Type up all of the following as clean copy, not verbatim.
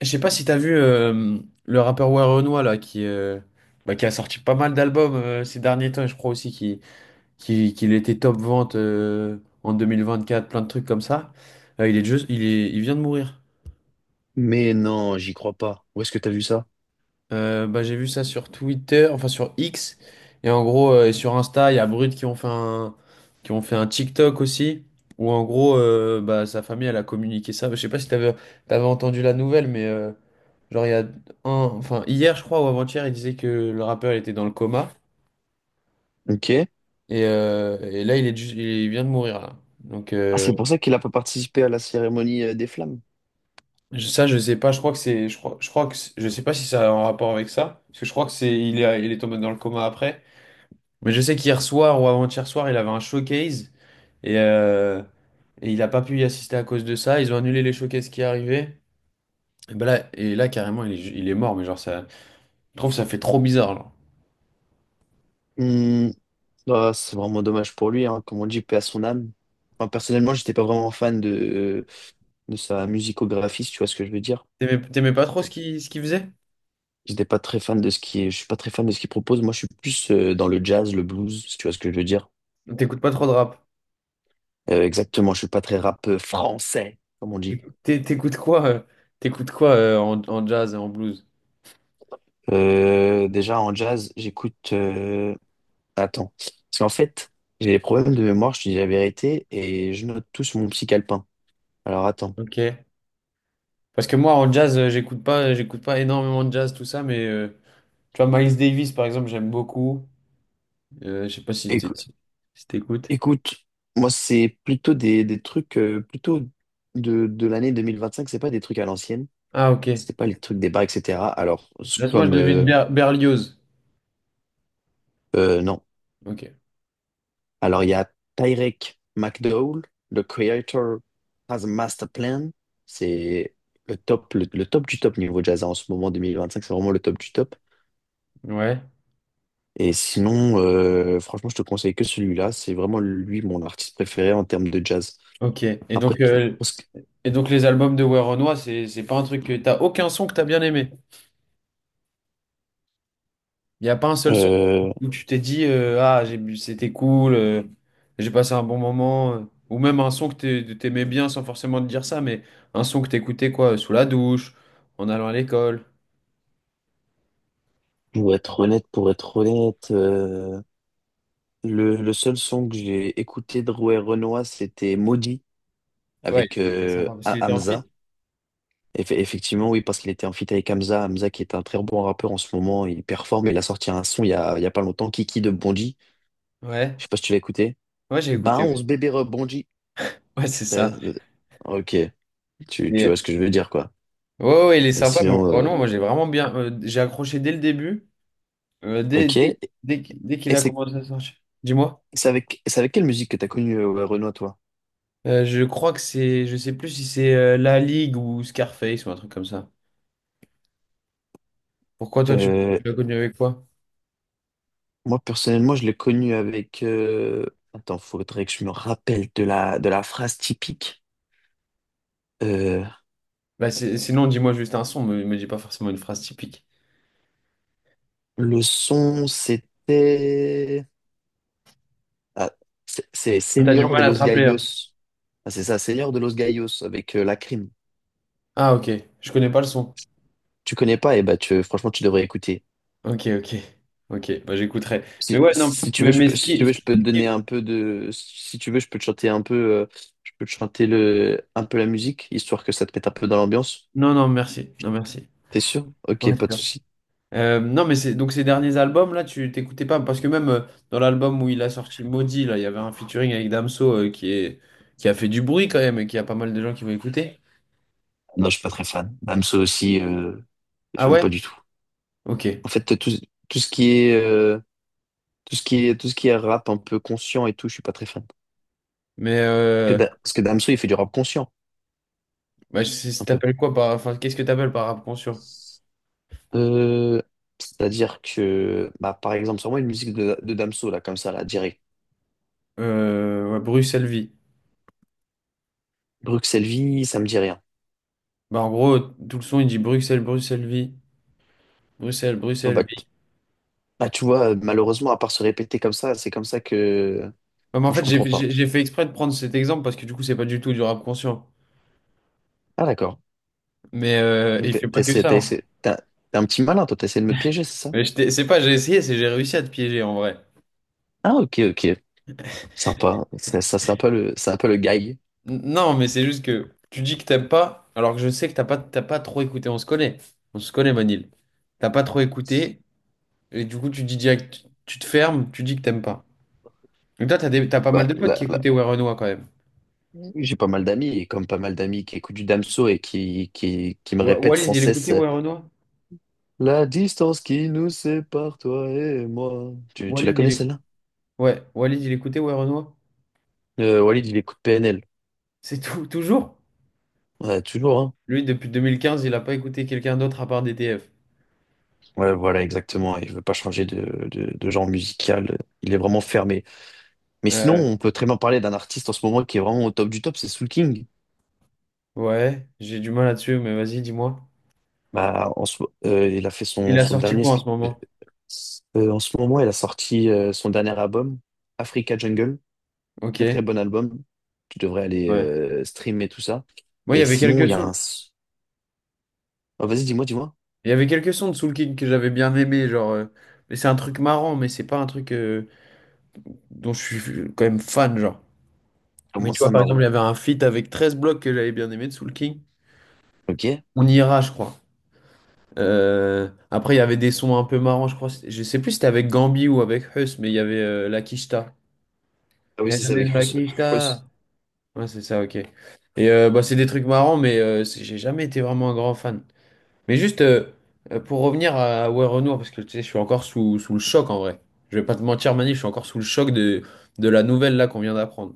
Je sais pas si t'as vu le rappeur Ouais Renoir là qui, bah, qui a sorti pas mal d'albums ces derniers temps. Et je crois aussi qu'il était top vente en quatre plein de trucs comme ça. Il est juste, il est, il vient de mourir. Mais non, j'y crois pas. Où est-ce que t'as vu ça? Bah, j'ai vu ça sur Twitter, enfin sur X, et en gros, et sur Insta, il y a Brut qui ont fait un TikTok aussi, où en gros, bah, sa famille elle a communiqué ça. Je sais pas si t'avais entendu la nouvelle, mais genre, il y a un, enfin, hier, je crois, ou avant-hier, il disait que le rappeur il était dans le coma. Ok. Et là, il vient de mourir, là. Donc, Ah, c'est pour ça qu'il a pas participé à la cérémonie des flammes. Ça, je sais pas. Je crois que c'est, je crois que, c'est- je sais pas si ça a un rapport avec ça. Parce que je crois que il est tombé dans le coma après. Mais je sais qu'hier soir ou avant-hier soir, il avait un showcase. Et, euh, et il a pas pu y assister à cause de ça. Ils ont annulé les showcases qui arrivaient. Et ben là, carrément, il est mort. Mais genre, ça, je trouve que ça fait trop bizarre, genre. Hmm. Ah, c'est vraiment dommage pour lui, hein. Comme on dit, paix à son âme. Enfin, personnellement, j'étais pas vraiment fan de sa musicographie, si tu vois ce que je veux dire. T'aimais pas trop ce qu'il faisait? J'étais pas très fan de ce qui, est. Je suis pas très fan de ce qu'il propose. Moi, je suis plus dans le jazz, le blues, si tu vois ce que je veux dire. T'écoutes pas trop de rap? Exactement, je suis pas très rap français, comme on dit. T'écoutes quoi, en jazz, en blues? Déjà en jazz, j'écoute. Attends. Parce qu'en fait, j'ai des problèmes de mémoire, je te dis la vérité, et je note tout sur mon petit calepin. Alors attends. Ok. Parce que moi, en jazz, j'écoute pas énormément de jazz, tout ça, mais tu vois, Miles Davis, par exemple, j'aime beaucoup. Je sais pas si Écou- si t'écoutes. écoute, moi, c'est plutôt des trucs plutôt de l'année 2025. C'est pas des trucs à l'ancienne, Ah, ok. c'est pas les trucs des bars, etc. Alors, c'est Laisse moi, je comme. devine Berlioz. Non. Ok. Alors, il y a Tyrek McDowell, le creator has a master plan. C'est le top, le top du top niveau jazz en ce moment, 2025. C'est vraiment le top du top. Ouais. Et sinon, franchement, je te conseille que celui-là. C'est vraiment lui mon artiste préféré en termes de jazz. Ok. Et Après, donc, tout, parce que, les albums de Werenoi, c'est pas un truc, que t'as aucun son que t'as bien aimé. Il n'y a pas un seul son euh, où tu t'es dit, ah, c'était cool, j'ai passé un bon moment. Ou même un son que t'aimais bien sans forcément te dire ça, mais un son que t'écoutais quoi, sous la douche, en allant à l'école. pour être honnête, pour être honnête, le seul son que j'ai écouté de Rouet Renoir, c'était Maudit Ouais, avec il est sympa parce qu'il était en fit. Hamza. Effectivement, oui, parce qu'il était en feat avec Hamza. Hamza qui est un très bon rappeur en ce moment, il performe. Il a sorti un son il y a pas longtemps, Kiki de Bonji. Ouais, Je sais pas si tu l'as écouté. ouais, j'ai écouté, Bah, 11 ouais. bébé rebondit. Ouais, c'est Euh, ça. euh, ok, tu vois Et, ce que je veux dire, quoi. ouais, ouais, il est Mais sympa, mais sinon, vraiment, moi j'ai vraiment bien. J'ai accroché dès le début, euh, dès, ok. dès, Et dès qu'il a c'est commencé à sortir. Dis-moi. C'est avec quelle musique que t'as connu Renoir, toi? Je crois que c'est. Je sais plus si c'est La Ligue ou Scarface ou un truc comme ça. Pourquoi toi, tu Euh, tu l'as connu avec quoi? Moi, personnellement, je l'ai connu avec... Attends, faudrait que je me rappelle de la phrase typique. Euh, Bah, sinon, dis-moi juste un son, me dis pas forcément une phrase typique. le son, c'était... Ah, c'est Ah, t'as du Señor de mal à te los rappeler, Gallos. hein. Ah, c'est ça, Señor de los Gallos, avec la crime. Ah, ok. Je connais pas le son. Tu connais pas, et ben tu, franchement, tu devrais écouter. Ok, ok. Ok, bah j'écouterai. Mais Si, ouais, non, si tu mais, veux, je mais peux, si tu veux, je peux te ce donner qui. un peu de. Si tu veux, je peux te chanter un peu. Je peux te chanter un peu la musique, histoire que ça te mette un peu dans l'ambiance. Non, non, merci. Non, merci. T'es sûr? Non, Ok, c'est pas de sûr. souci. Non, mais c'est, donc ces derniers albums, là, tu t'écoutais pas. Parce que même dans l'album où il a sorti Maudit, là, il y avait un featuring avec Damso, qui a fait du bruit quand même, et qui a pas mal de gens qui vont écouter. Non, je suis pas très fan. Damso aussi, Ah j'aime ouais? pas du tout. Ok. En fait, tout ce qui est, tout ce qui est rap un peu conscient et tout, je suis pas très fan. Mais, Parce que Damso, il fait du rap conscient, bah, un peu. t'appelles quoi par. Enfin, qu'est-ce que t'appelles par rap conscient? Euh, C'est-à-dire que, bah, par exemple, sur moi, une musique de Damso, là, comme ça, là, direct. Ouais, Bruxelles vie. Bruxelles Vie, ça me dit rien. Bah, en gros, tout le son, il dit Bruxelles, Bruxelles vie. Bruxelles, Ouais, bah, Bruxelles vie. Bah, tu vois, malheureusement, à part se répéter comme ça, c'est comme ça que. Ouais, mais en Enfin, je fait, j'ai comprends j'ai- pas. j'ai fait exprès de prendre cet exemple, parce que du coup, c'est pas du tout du rap conscient. Ah, d'accord. Mais Donc, il fait pas que ça, hein. t'es un t'es un petit malin, toi, t'essaies de me piéger, c'est ça? Mais c'est pas, j'ai essayé, c'est j'ai réussi à te piéger en vrai. Ah, ok, ok. Sympa. Ça, c'est un peu c'est un peu le guy. Non, mais c'est juste que tu dis que t'aimes pas, alors que je sais que t'as pas trop écouté. On se connaît. On se connaît, Manil. T'as pas trop écouté, et du coup, tu dis direct, tu te fermes, tu dis que t'aimes pas. Mais toi, t'as pas mal Bah, de potes là, qui là. écoutaient Ouais Renoir quand même. J'ai pas mal d'amis, et comme pas mal d'amis qui écoutent du Damso et qui me répètent Walid, sans il écoutait cesse Ouais Renoir? la distance qui nous sépare, toi et moi. Tu la Walid, il connais, est. celle-là? Ouais, Walid, il écoutait Ouais Renoir. Walid, il écoute PNL. C'est tout, toujours? Ouais, toujours, hein. Lui, depuis 2015, il a pas écouté quelqu'un d'autre à part DTF. Ouais, voilà, exactement. Il veut pas changer de genre musical. Il est vraiment fermé. Mais sinon, Euh, on peut très bien parler d'un artiste en ce moment qui est vraiment au top du top, c'est Soul King. ouais, j'ai du mal là-dessus, mais vas-y, dis-moi. Il a fait Il a son sorti dernier. quoi en ce euh, moment? En ce moment, il a sorti son dernier album, Africa Jungle. Ok, Très très bon album. Tu devrais aller ouais. Streamer tout ça. Moi, il y Et avait sinon, il quelques y a sons. un. Ah, vas-y, dis-moi, dis-moi. Il y avait quelques sons de Soul King que j'avais bien aimé, genre. Mais c'est un truc marrant, mais c'est pas un truc dont je suis quand même fan, genre. Mais Comment tu vois, ça, par exemple, marron? il y avait un feat avec 13 blocs que j'avais bien aimé de Soul King. Ok. On ira, je crois. Après, il y avait des sons un peu marrants, je crois. Je sais plus si c'était avec Gambi ou avec Huss, mais il y avait la Kishta. Ah oui, Eh, ça, c'est ça, donnez avec la Hus. Kishta! Hus. Ouais, c'est ça, ok. Et bah, c'est des trucs marrants, mais j'ai jamais été vraiment un grand fan. Mais juste, pour revenir à Ouais Renoir, parce que tu sais, je suis encore sous le choc en vrai. Je vais pas te mentir, Manif, je suis encore sous le choc de la nouvelle là qu'on vient d'apprendre.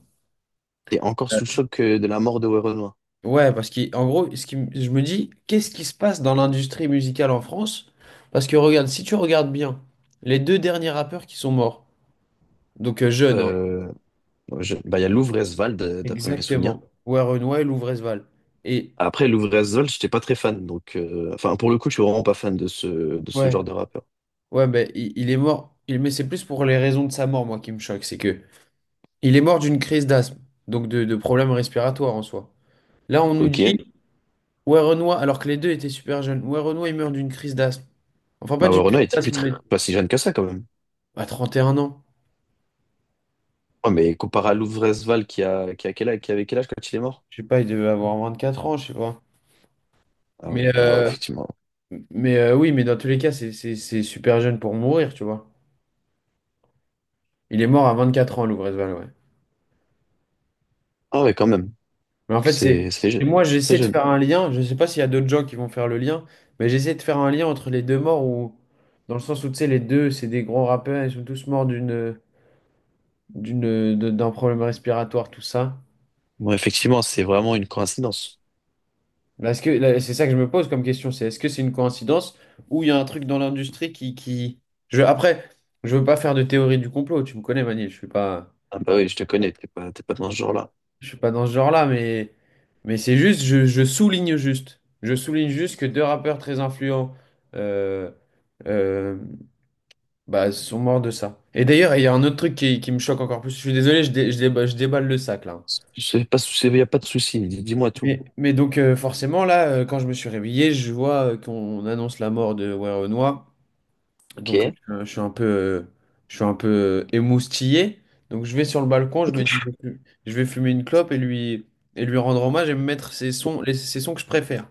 T'es encore sous le choc de la mort de Werenoi. Ouais, parce qu'en gros, je me dis, qu'est-ce qui se passe dans l'industrie musicale en France? Parce que regarde, si tu regardes bien, les deux derniers rappeurs qui sont morts, donc jeunes, hein, Euh, Bah, il y a Louvre-Esvald, d'après mes souvenirs. exactement, Warren Weil ou Vresval. Et Après, Louvre-Esvald, j'étais pas très fan. Donc, enfin, pour le coup, je suis vraiment pas fan de ce ouais, genre de rappeur. ouais, ben il est mort, mais c'est plus pour les raisons de sa mort, moi, qui me choque. C'est que il est mort d'une crise d'asthme, donc de problèmes respiratoires en soi. Là, on nous Ok. dit, Warren Weil, alors que les deux étaient super jeunes, Warren Weil, il meurt d'une crise d'asthme. Enfin, pas Bah, ouais, d'une crise Renaud était d'asthme, mais pas si jeune que ça, quand même. à 31 ans. Ouais, mais comparé à Louvre-Esvald, qui a quel âge, qui avait quel âge quand il est mort? Je sais pas, il devait avoir 24 ans, je sais pas. Ah ouais, Mais, bah ouais, euh, effectivement. mais oui, mais dans tous les cas, c'est super jeune pour mourir, tu vois. Il est mort à 24 ans, Lubrizol, ouais. Ah ouais, quand même. Mais en fait, c'est. C'est Et jeune. moi, Très j'essaie de jeune. faire un lien. Je sais pas s'il y a d'autres gens qui vont faire le lien, mais j'essaie de faire un lien entre les deux morts, ou dans le sens où, tu sais, les deux, c'est des gros rappeurs, ils sont tous morts d'un problème respiratoire, tout ça. Bon, effectivement, c'est vraiment une coïncidence. Mais est-ce que là, c'est ça que je me pose comme question, c'est est-ce que c'est une coïncidence ou il y a un truc dans l'industrie qui. Après, je veux pas faire de théorie du complot, tu me connais, Manil, je suis pas, Ah bah oui, je te connais, t'es pas dans ce genre-là. Dans ce genre-là, mais, c'est juste, je souligne juste que deux rappeurs très influents, euh, euh, bah, sont morts de ça. Et d'ailleurs, il y a un autre truc qui me choque encore plus. Je suis désolé, je déballe le sac là. C'est pas, il y a pas de souci. Dis-moi tout. Mais, donc forcément là, quand je me suis réveillé, je vois qu'on annonce la mort de Werenoi. Donc, Ok. Je suis un peu, je suis un peu émoustillé. Donc, je vais sur le balcon, je me dis, je vais fumer une clope, et lui rendre hommage, et me mettre ses sons, ses sons que je préfère.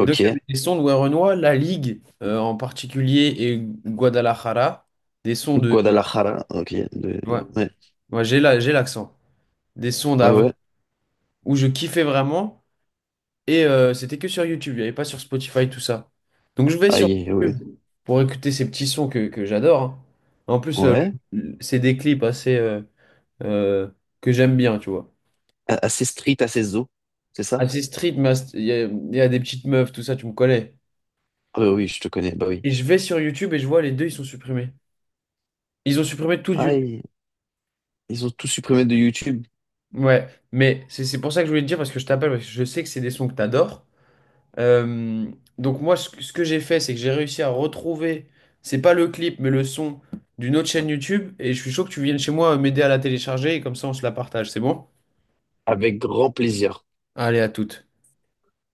Et donc, il y avait des sons de Werenoi, La Ligue, en particulier, et Guadalajara. Des sons de. Guadalajara. Ouais, Ouais. ouais, j'ai l'accent. Des sons Ouais, d'avant ouais. où je kiffais vraiment. Et c'était que sur YouTube, il n'y avait pas sur Spotify, tout ça. Donc je vais Ah, sur ouais. YouTube pour écouter ces petits sons que j'adore, hein. En plus, Ouais. C'est des clips assez, euh, que j'aime bien, tu vois. Assez street, assez zo. C'est ça? Assez street, mais il y a des petites meufs, tout ça, tu me connais. Ah, bah oui, je te connais. Bah oui. Et je vais sur YouTube et je vois les deux, ils sont supprimés. Ils ont supprimé tout de Ah, YouTube. ils, Ils ont tout supprimé de YouTube. Ouais, mais c'est pour ça que je voulais te dire, parce que je t'appelle, parce que je sais que c'est des sons que t'adores. Euh, donc moi, ce que j'ai fait, c'est que j'ai réussi à retrouver, c'est pas le clip, mais le son d'une autre chaîne YouTube, et je suis chaud que tu viennes chez moi, m'aider à la télécharger, et comme ça on se la partage, c'est bon? Avec grand plaisir. Allez, à toutes.